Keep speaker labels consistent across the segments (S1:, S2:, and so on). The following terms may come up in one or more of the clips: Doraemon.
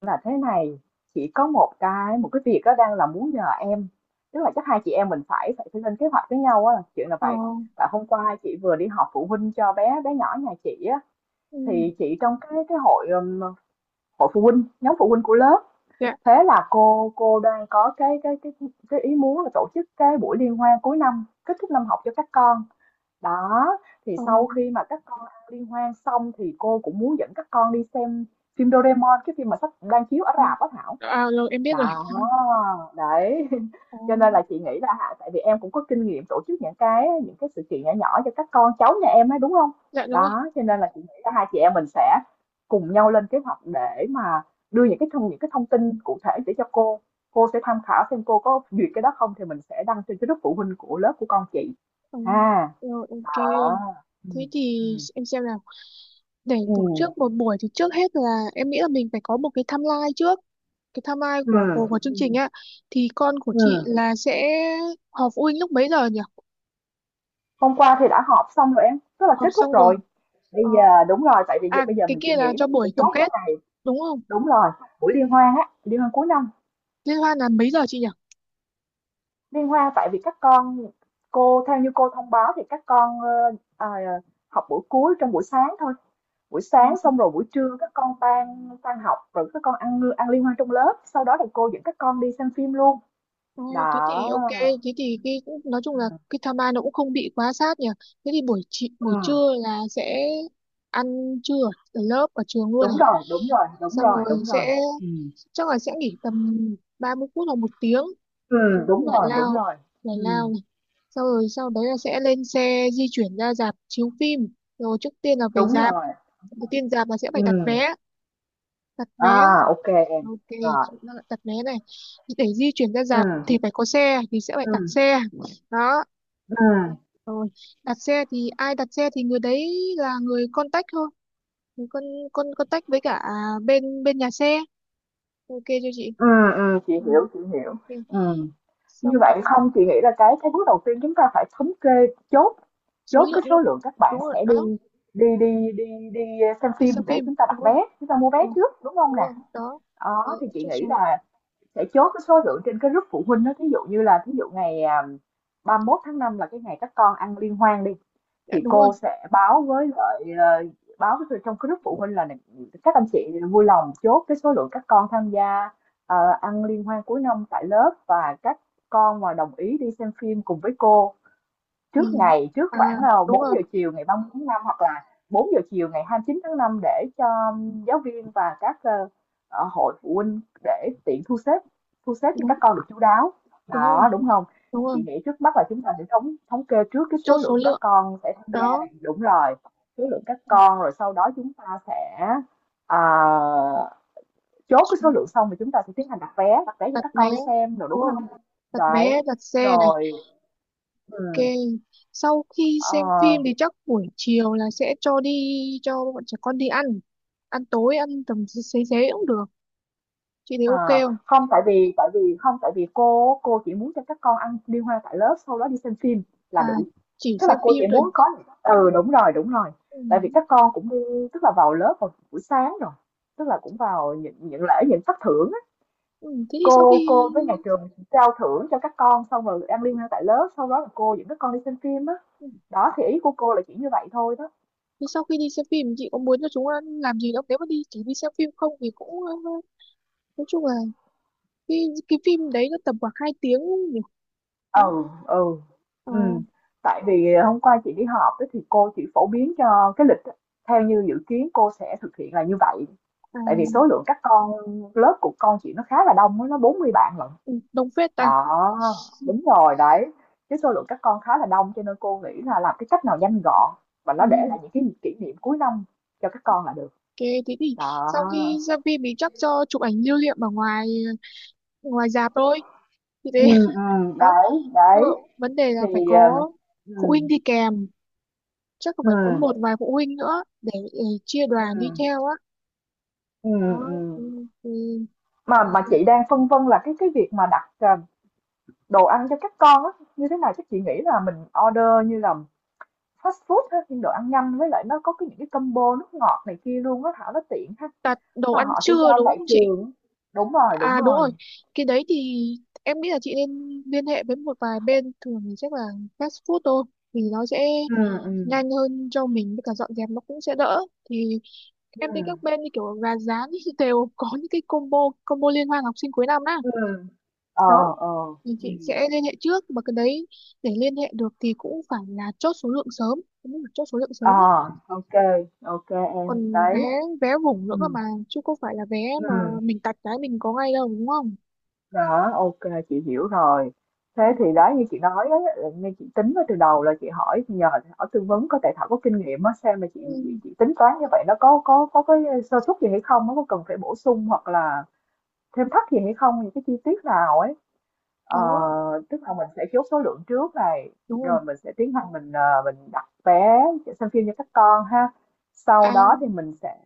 S1: Là thế này, chỉ có một cái việc á đang là muốn nhờ em, tức là chắc hai chị em mình phải phải lên kế hoạch với nhau á, chuyện là
S2: Ờ,
S1: vậy. Tại hôm qua chị vừa đi họp phụ huynh cho bé bé nhỏ nhà chị á,
S2: ừ,
S1: thì chị trong cái hội, hội phụ huynh, nhóm phụ huynh của lớp.
S2: dạ,
S1: Thế là cô đang có cái ý muốn là tổ chức cái buổi liên hoan cuối năm, kết thúc năm học cho các con. Đó, thì
S2: ờ,
S1: sau khi mà các con ăn liên hoan xong thì cô cũng muốn dẫn các con đi xem phim Doraemon, cái phim mà sắp đang chiếu ở
S2: ừ.
S1: rạp á Thảo
S2: À, rồi em biết rồi.
S1: đó, đấy.
S2: Ờ,
S1: Cho nên là chị nghĩ là hả, tại vì em cũng có kinh nghiệm tổ chức những cái sự kiện nhỏ nhỏ cho các con cháu nhà em ấy, đúng không?
S2: dạ đúng rồi.
S1: Đó, cho nên là chị nghĩ là hai chị em mình sẽ cùng nhau lên kế hoạch để mà đưa những cái thông tin cụ thể để cho cô. Cô sẽ tham khảo xem cô có duyệt cái đó không thì mình sẽ đăng trên cái lớp phụ huynh của lớp của con chị
S2: Ờ,
S1: ha.
S2: rồi,
S1: Đó.
S2: ok. Thế
S1: Ừm,
S2: thì
S1: ừm.
S2: em xem nào. Để tổ
S1: Ừm,
S2: chức một buổi thì trước hết là em nghĩ là mình phải có một cái timeline trước. Cái timeline
S1: ừm,
S2: của chương trình
S1: ừm.
S2: á. Thì con của chị là sẽ họp phụ huynh lúc mấy giờ nhỉ?
S1: Hôm qua thì đã họp xong rồi em, tức là
S2: Họp
S1: kết thúc
S2: xong rồi.
S1: rồi. Bây
S2: Ờ,
S1: giờ đúng rồi, tại vì
S2: à,
S1: bây giờ
S2: cái
S1: mình chỉ
S2: kia là
S1: nghĩ là
S2: cho
S1: mình sẽ
S2: buổi tổng
S1: chốt
S2: kết,
S1: cái này.
S2: đúng không?
S1: Đúng rồi, buổi liên hoan á, liên hoan cuối năm.
S2: Liên hoan là mấy giờ chị nhỉ?
S1: Liên hoan tại vì các con cô theo như cô thông báo thì các con à, học buổi cuối trong buổi sáng thôi. Buổi sáng xong rồi buổi trưa các con tan tan học rồi các con ăn ăn liên hoan trong lớp, sau đó thì cô dẫn các con đi xem phim luôn.
S2: Ồ, thế
S1: Đó.
S2: thì ok, thế thì cái nói chung là
S1: Ừ.
S2: cái tham nó cũng không bị quá sát nhỉ. Thế thì buổi chị,
S1: Ừ.
S2: buổi trưa là sẽ ăn trưa ở ở lớp ở trường luôn này.
S1: Đúng rồi, đúng rồi, đúng
S2: Xong
S1: rồi,
S2: rồi
S1: đúng rồi.
S2: sẽ
S1: Ừ,
S2: chắc là sẽ nghỉ tầm 30 phút hoặc 1 tiếng
S1: ừ, đúng
S2: giải
S1: rồi, đúng
S2: lao,
S1: rồi.
S2: giải
S1: Ừ,
S2: lao này. Xong rồi sau đấy là sẽ lên xe di chuyển ra rạp chiếu phim. Rồi trước tiên là về
S1: đúng
S2: rạp,
S1: rồi.
S2: đầu tiên rạp là sẽ phải đặt
S1: Ừ.
S2: vé, đặt vé.
S1: À, ok em.
S2: Ok,
S1: Rồi.
S2: chị nó là đặt vé này. Để di chuyển ra
S1: Ừ,
S2: rạp thì phải có xe thì sẽ phải
S1: ừ,
S2: đặt xe đó.
S1: ừ,
S2: Rồi, đặt xe thì ai đặt xe thì người đấy là người contact thôi. Người con contact với cả bên bên nhà xe. Ok cho chị.
S1: ừ, chị
S2: Ừ.
S1: hiểu, chị hiểu.
S2: Ok.
S1: Ừm, như
S2: Xong
S1: vậy không, chị nghĩ là cái bước đầu tiên chúng ta phải thống kê, chốt
S2: số
S1: chốt
S2: lượng
S1: cái
S2: nữa.
S1: số lượng các bạn
S2: Đúng rồi
S1: sẽ
S2: đó,
S1: đi đi đi đi đi xem
S2: cái xem
S1: phim để
S2: phim
S1: chúng ta
S2: đúng
S1: đặt
S2: rồi,
S1: vé, chúng ta mua vé
S2: đúng rồi,
S1: trước, đúng không
S2: đúng
S1: nè?
S2: rồi. Đó. Đấy,
S1: Đó, thì chị
S2: chốt
S1: nghĩ
S2: số lượng.
S1: là sẽ chốt cái số lượng trên cái group phụ huynh đó, thí dụ như là thí dụ ngày 31 tháng 5 là cái ngày các con ăn liên hoan đi,
S2: Dạ,
S1: thì
S2: đúng rồi.
S1: cô sẽ báo với lại ờ, báo với trong cái group phụ huynh là các anh chị vui lòng chốt cái số lượng các con tham gia ờ, ăn liên hoan cuối năm tại lớp và các con mà đồng ý đi xem phim cùng với cô
S2: Ừ,
S1: trước ngày trước
S2: à,
S1: khoảng
S2: đúng
S1: bốn
S2: rồi,
S1: giờ chiều ngày ba mươi tháng năm hoặc là 4 giờ chiều ngày 29 tháng 5, để cho giáo viên và các hội phụ huynh để tiện thu xếp cho
S2: đúng
S1: các con được chú đáo,
S2: đúng rồi,
S1: đó, đúng không?
S2: đúng rồi.
S1: Chị nghĩ trước mắt là chúng ta sẽ thống thống kê trước cái
S2: Chốt
S1: số
S2: số
S1: lượng các
S2: lượng,
S1: con sẽ tham gia
S2: đó.
S1: này, đúng rồi, số lượng các con, rồi sau đó chúng ta sẽ ờ, chốt cái số lượng xong thì chúng ta sẽ tiến hành đặt vé cho
S2: Đặt
S1: các
S2: vé,
S1: con đi xem rồi
S2: đúng
S1: đúng
S2: rồi,
S1: không?
S2: đặt vé,
S1: Đấy,
S2: đặt xe này.
S1: rồi,
S2: Ok,
S1: ừ.
S2: sau khi xem
S1: À.
S2: phim thì chắc buổi chiều là sẽ cho đi, cho bọn trẻ con đi ăn. Ăn tối, ăn tầm xế xế xế cũng được. Chị thấy
S1: Ờ,
S2: ok không?
S1: không, tại vì không, tại vì cô chỉ muốn cho các con ăn liên hoan tại lớp, sau đó đi xem phim là
S2: À,
S1: đủ.
S2: chỉ
S1: Tức
S2: xem
S1: là cô
S2: phim
S1: chỉ
S2: thôi.
S1: muốn có, ừ đúng rồi, đúng rồi.
S2: Ừ.
S1: Tại vì các con cũng đi, tức là vào lớp vào buổi sáng rồi. Tức là cũng vào những lễ, những phát thưởng á.
S2: Ừ. Ừ.
S1: Cô cô với nhà trường trao thưởng cho các con xong rồi ăn liên hoan tại lớp, sau đó là cô dẫn các con đi xem phim á.
S2: Ừ,
S1: Đó, thì ý của cô là chỉ như vậy thôi đó.
S2: thế sau khi đi xem phim chị có muốn cho chúng ăn làm gì không? Nếu mà đi chỉ đi xem phim không thì cũng nói chung là cái phim đấy nó tầm khoảng 2 tiếng nhỉ? Đúng
S1: Ừ, ừ, ừ.
S2: không?
S1: Tại vì hôm qua chị đi họp á, thì cô chỉ phổ biến cho cái lịch á, theo như dự kiến cô sẽ thực hiện là như vậy.
S2: Ờ, à,
S1: Tại vì số lượng các con lớp của con chị nó khá là đông á, nó 40 bạn lận.
S2: ừ, đồng phết ta.
S1: Đó, đúng rồi đấy. Cái số lượng các con khá là đông cho nên cô nghĩ là làm cái cách nào nhanh gọn và
S2: Ừ.
S1: nó để lại những cái kỷ niệm cuối năm cho các con là được.
S2: Ok, thế thì
S1: Đó.
S2: sau khi ra phim thì chắc cho chụp ảnh lưu niệm ở ngoài ngoài rạp thôi. Thì
S1: Ừ,
S2: thế
S1: ừ,
S2: đó.
S1: đấy,
S2: Ờ,
S1: đấy.
S2: vấn đề là
S1: Thì
S2: phải có
S1: ừ,
S2: phụ huynh đi kèm, chắc là phải có
S1: ừ,
S2: một vài phụ huynh nữa để chia đoàn
S1: ừ,
S2: đi theo á.
S1: ừ.
S2: Đó.
S1: Ừm.
S2: Ừ, ừ.
S1: Mà chị đang phân vân là cái việc mà đặt, đồ ăn cho các con á, như thế nào? Chắc chị nghĩ là mình order như là fast food ha, nhưng đồ ăn nhanh với lại nó có cái những cái combo nước ngọt này kia luôn á, Thảo, nó tiện ha.
S2: Đặt đồ
S1: Và
S2: ăn
S1: họ sẽ
S2: trưa
S1: giao
S2: đúng
S1: tại
S2: không chị?
S1: trường. Đúng rồi, đúng
S2: À đúng
S1: rồi.
S2: rồi. Cái đấy thì em nghĩ là chị nên liên hệ với một vài bên, thường thì chắc là fast food thôi, thì nó sẽ
S1: Ừ, ừ,
S2: nhanh hơn cho mình với cả dọn dẹp nó cũng sẽ đỡ. Thì
S1: ừ,
S2: em thấy các bên như kiểu gà rán ý, đều có những cái combo, combo liên hoan học sinh cuối năm á.
S1: ừm. Ờ,
S2: Đó,
S1: ờ.
S2: thì
S1: Ừ.
S2: chị sẽ liên hệ trước mà cái đấy, để liên hệ được thì cũng phải là chốt số lượng sớm, cũng phải chốt số lượng
S1: Ờ,
S2: sớm ấy.
S1: ok ok em.
S2: Còn vé
S1: Đấy.
S2: vé vùng nữa cơ
S1: Ừ,
S2: mà, chứ không phải là vé
S1: ừ.
S2: mà mình tạch cái mình có ngay đâu, đúng không,
S1: Đó, ok chị hiểu rồi. Thế
S2: đúng
S1: thì
S2: không?
S1: đó như chị nói ấy, là như chị tính ở từ đầu là chị hỏi nhờ, hỏi tư vấn, có tại Thảo có kinh nghiệm á, xem mà
S2: Ừ.
S1: chị, chị tính toán như vậy nó có cái sơ suất gì hay không, nó có cần phải bổ sung hoặc là thêm thắt gì hay không, những cái chi tiết nào ấy. Ờ,
S2: Đó,
S1: tức là mình sẽ chốt số lượng trước này,
S2: đúng rồi,
S1: rồi mình sẽ tiến hành mình mình đặt vé để xem phim cho các con ha. Sau
S2: à
S1: đó thì mình sẽ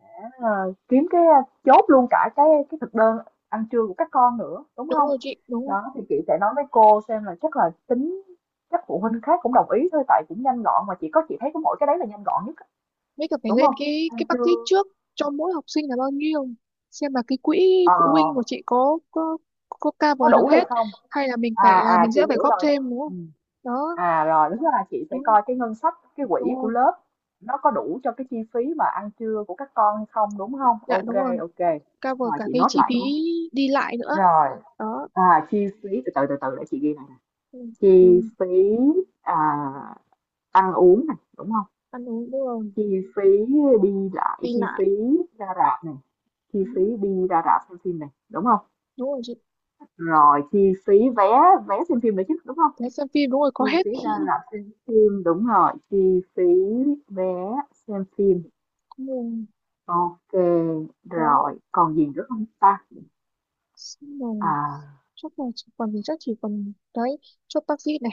S1: kiếm cái, chốt luôn cả cái thực đơn ăn trưa của các con nữa đúng
S2: đúng
S1: không?
S2: rồi chị, đúng rồi.
S1: Đó, thì chị sẽ nói với cô xem là chắc là tính các phụ huynh khác cũng đồng ý thôi, tại cũng nhanh gọn mà, chỉ có chị thấy có mỗi cái đấy là nhanh gọn nhất,
S2: Mấy cả phải
S1: đúng
S2: lên
S1: không?
S2: cái
S1: Ăn
S2: cái budget
S1: trưa
S2: trước cho mỗi học sinh là bao nhiêu, xem là cái quỹ
S1: ờ,
S2: phụ huynh của chị có
S1: có
S2: cover được
S1: đủ hay
S2: hết
S1: không?
S2: hay là mình phải,
S1: À,
S2: à,
S1: à,
S2: mình
S1: chị
S2: sẽ phải
S1: hiểu
S2: góp
S1: rồi.
S2: thêm, đúng
S1: Ừ.
S2: không? Đó,
S1: À rồi, đúng là chị sẽ
S2: đúng
S1: coi cái ngân sách cái
S2: đúng
S1: quỹ của
S2: rồi,
S1: lớp nó có đủ cho cái chi phí mà ăn trưa của các con hay không, đúng không?
S2: dạ đúng
S1: Ok
S2: rồi.
S1: ok.
S2: Cover
S1: Rồi
S2: cả
S1: chị
S2: cái
S1: nốt
S2: chi
S1: lại
S2: phí
S1: nhé.
S2: đi lại nữa,
S1: Rồi,
S2: đó.
S1: à chi phí, từ từ từ từ để chị ghi này nè.
S2: Ừ,
S1: Chi
S2: ừ.
S1: phí à, ăn uống này, đúng không?
S2: Ăn uống đúng rồi,
S1: Chi phí đi lại,
S2: đi
S1: chi
S2: lại
S1: phí ra rạp này, chi phí
S2: đúng,
S1: đi ra rạp xem phim này đúng không,
S2: đúng rồi chị,
S1: rồi chi phí vé vé xem phim nữa chứ đúng không?
S2: thế xem phim đúng rồi, có
S1: Chi
S2: hết.
S1: phí ra rạp xem phim, đúng rồi, chi phí vé xem phim.
S2: Ừ.
S1: Ok,
S2: Đó.
S1: rồi còn gì nữa không ta?
S2: Xong rồi
S1: À,
S2: chắc là chỉ còn đấy, chốt taxi này,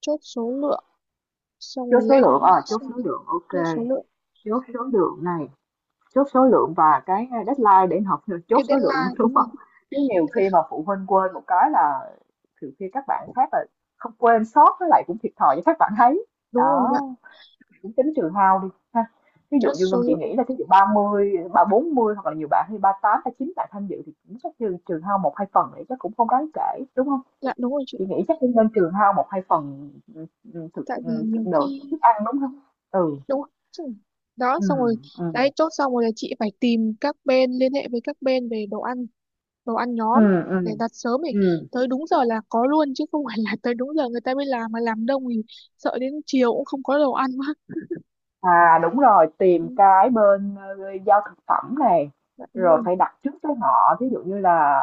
S2: chốt số lượng, xong
S1: chốt
S2: rồi
S1: số
S2: lên,
S1: lượng, chốt
S2: xong,
S1: số lượng, ok.
S2: trên số lượng.
S1: Chốt số lượng này, chốt số lượng và cái deadline để học chốt
S2: Cái
S1: số lượng
S2: deadline
S1: đúng
S2: đúng rồi,
S1: không? Chứ nhiều khi mà phụ huynh quên một cái là nhiều khi các bạn khác là không quên sót, với lại cũng thiệt thòi cho các bạn thấy.
S2: đúng rồi, dạ,
S1: Đó, cũng tính trừ hao đi ha. Ví dụ
S2: trên
S1: như
S2: số
S1: Ngân, chị
S2: lượng,
S1: nghĩ là ví dụ 30 ba, 40 hoặc là nhiều bạn, hay ba tám, ba chín bạn tham dự thì cũng chắc trừ hao một hai phần thì chắc cũng không đáng kể đúng không?
S2: dạ đúng rồi chị.
S1: Chị nghĩ chắc cũng nên trừ hao một hai phần. ừ, thực,
S2: Tại vì nhiều
S1: thực đồ
S2: khi
S1: thức ăn đúng không? Ừ,
S2: đúng rồi. Chứ. Đó,
S1: ừ,
S2: xong rồi
S1: ừ,
S2: đấy. Chốt xong rồi là chị phải tìm các bên, liên hệ với các bên về đồ ăn, đồ ăn
S1: ừ,
S2: nhóm,
S1: ừ,
S2: để đặt sớm thì
S1: ừ.
S2: tới đúng giờ là có luôn, chứ không phải là tới đúng giờ người ta mới làm mà làm đông thì sợ đến chiều cũng không có đồ ăn quá.
S1: À đúng rồi,
S2: Ừ,
S1: tìm cái bên giao thực phẩm này,
S2: dạ đúng
S1: rồi
S2: rồi,
S1: phải đặt trước với họ, ví dụ như là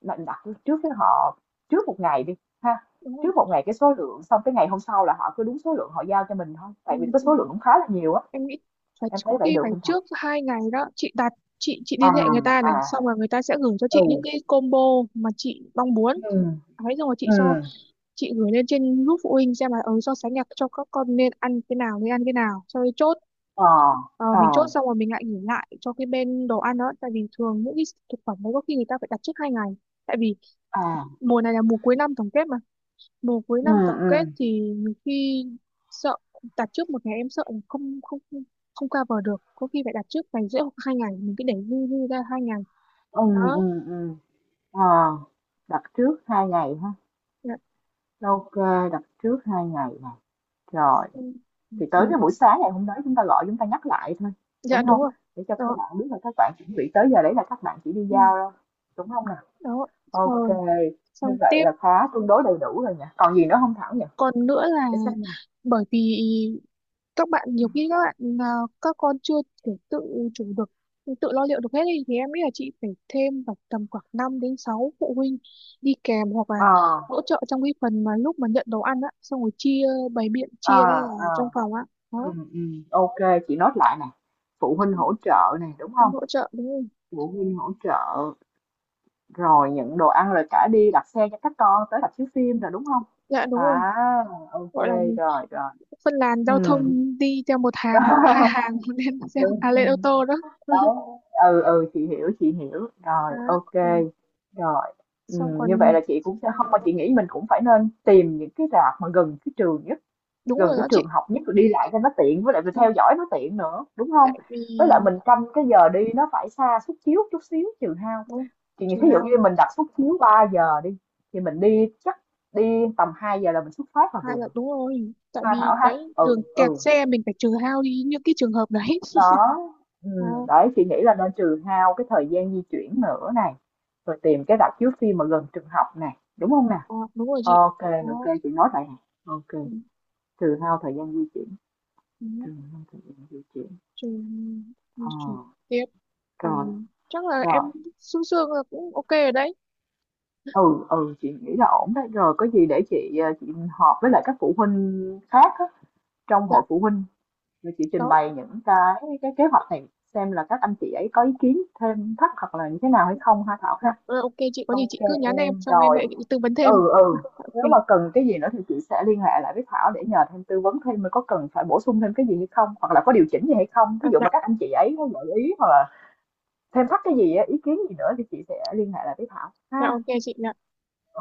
S1: đặt đặt trước với họ trước một ngày đi ha.
S2: đúng rồi.
S1: Trước một ngày cái số lượng, xong cái ngày hôm sau là họ cứ đúng số lượng họ giao cho mình thôi.
S2: Ừ.
S1: Tại vì cái
S2: Ừ.
S1: số lượng cũng khá là nhiều á.
S2: Em nghĩ phải
S1: Em thấy
S2: có
S1: vậy
S2: khi
S1: được
S2: phải
S1: không thầy?
S2: trước 2 ngày đó chị, đặt. Chị
S1: À,
S2: liên hệ người ta này,
S1: à,
S2: xong rồi người ta sẽ gửi cho
S1: ừ,
S2: chị những cái combo mà chị mong muốn
S1: ừ,
S2: ấy. Xong rồi
S1: ừ,
S2: chị gửi lên trên group phụ huynh xem là, so sánh là cho các con nên ăn cái nào, nên ăn cái nào, cho nên chốt.
S1: ờ,
S2: Ờ,
S1: ờ,
S2: mình chốt xong rồi mình lại gửi lại cho cái bên đồ ăn đó, tại vì thường những cái thực phẩm đấy có khi người ta phải đặt trước 2 ngày. Tại vì
S1: à,
S2: mùa này là mùa cuối năm tổng kết mà, mùa cuối
S1: ừ,
S2: năm tổng
S1: ừ,
S2: kết thì nhiều khi sợ, đặt trước 1 ngày em sợ là không không không không cover được, có khi phải đặt trước ngày rưỡi hoặc 2 ngày, mình cứ để dư, dư ra 2 ngày.
S1: ừ,
S2: Đó.
S1: ừ, ừ, ờ, đặt trước 2 ngày ha.
S2: Dạ,
S1: Ok, đặt trước 2 ngày nè. Rồi.
S2: ừ,
S1: Thì tới
S2: ừ,
S1: cái buổi sáng ngày hôm đó chúng ta gọi chúng ta nhắc lại thôi,
S2: dạ
S1: đúng
S2: đúng
S1: không?
S2: rồi.
S1: Để cho các
S2: Đó.
S1: bạn biết là các bạn chuẩn bị tới giờ đấy là các bạn chỉ đi
S2: Ừ.
S1: giao đâu, đúng không nào?
S2: Đó,
S1: OK,
S2: rồi,
S1: như
S2: xong
S1: vậy
S2: tiếp.
S1: là khá tương đối đầy đủ rồi nhỉ? Còn gì nữa không Thảo nhỉ?
S2: Còn nữa là,
S1: Để xem nè.
S2: bởi vì các bạn, nhiều khi à, các con chưa kiểu tự chủ được, tự lo liệu được hết ý, thì em nghĩ là chị phải thêm vào tầm khoảng 5 đến 6 phụ huynh đi kèm hoặc là
S1: Ờ,
S2: hỗ trợ trong cái phần mà lúc mà nhận đồ ăn á, xong rồi chia, bày biện
S1: ờ,
S2: chia ra
S1: ờ,
S2: ở trong phòng á. Đó,
S1: OK, chị nốt lại nè. Phụ huynh hỗ trợ này đúng
S2: cũng
S1: không?
S2: hỗ trợ đúng không?
S1: Phụ huynh hỗ trợ, rồi nhận đồ ăn, rồi cả đi đặt xe cho các con tới rạp chiếu phim rồi, đúng không?
S2: Dạ đúng rồi.
S1: À, OK,
S2: Gọi là gì?
S1: rồi, rồi.
S2: Phân làn
S1: Ừ.
S2: giao thông đi theo một hàng hoặc là hai hàng,
S1: Đúng, ừ.
S2: lên ô tô đó.
S1: Đó. Ừ, ừ, chị hiểu, chị hiểu
S2: Đó.
S1: rồi, ok,
S2: Ừ.
S1: rồi. Ừ,
S2: Xong còn
S1: như vậy là chị cũng sẽ không, mà chị nghĩ mình cũng phải nên tìm những cái rạp mà gần cái trường nhất,
S2: đúng
S1: gần
S2: rồi
S1: cái
S2: đó
S1: trường
S2: chị,
S1: học nhất, rồi đi lại cho nó tiện với lại mình
S2: đúng rồi.
S1: theo dõi nó tiện nữa, đúng không?
S2: Tại vì
S1: Với lại mình canh cái giờ đi nó phải xa suất chiếu chút xíu, trừ hao.
S2: đúng rồi.
S1: Chị nghĩ
S2: Chị
S1: thí dụ như
S2: Hao,
S1: mình đặt suất chiếu 3 giờ đi thì mình đi chắc đi tầm 2 giờ là mình xuất phát là
S2: hai
S1: vừa,
S2: là đúng rồi, tại
S1: ha
S2: vì
S1: Thảo ha.
S2: đấy đường
S1: Ừ,
S2: kẹt
S1: ừ,
S2: xe mình phải trừ hao đi như cái trường hợp đấy.
S1: đó, ừ,
S2: À,
S1: đấy, chị nghĩ là nên trừ hao cái thời gian di chuyển nữa này, rồi tìm cái rạp chiếu phim mà gần trường học này, đúng không nè?
S2: à, đúng rồi chị.
S1: Ok,
S2: Có,
S1: ok, chị nói vậy nè, ok.
S2: ừ,
S1: Trừ hao thời gian di chuyển, trừ
S2: ừ,
S1: hao thời gian di chuyển,
S2: trừ
S1: ờ,
S2: trừ tiếp.
S1: rồi,
S2: Còn chắc là
S1: rồi.
S2: em xương xương là cũng ok rồi đấy.
S1: Ừ, ừ, chị nghĩ là ổn đấy, rồi có gì để chị chị họp với lại các phụ huynh khác á, trong hội
S2: Dạ.
S1: phụ huynh, rồi chị trình
S2: Đó.
S1: bày những cái kế hoạch này, xem là các anh chị ấy có ý kiến thêm thắt hoặc là như thế nào hay không, ha Thảo
S2: Dạ,
S1: ha.
S2: ờ, ok chị, có gì
S1: Ok
S2: chị cứ nhắn em,
S1: em,
S2: xong em
S1: rồi.
S2: lại tư vấn thêm.
S1: Ừ, ừ,
S2: Ok.
S1: nếu mà cần cái gì nữa thì chị sẽ liên hệ lại với Thảo để nhờ thêm, tư vấn thêm mới có cần phải bổ sung thêm cái gì hay không hoặc là có điều chỉnh gì hay không,
S2: À,
S1: ví dụ
S2: dạ.
S1: mà các anh chị ấy có gợi ý hoặc là thêm thắt cái gì á, ý kiến gì nữa thì chị sẽ liên hệ lại với Thảo
S2: Dạ
S1: ha
S2: ok chị. Dạ.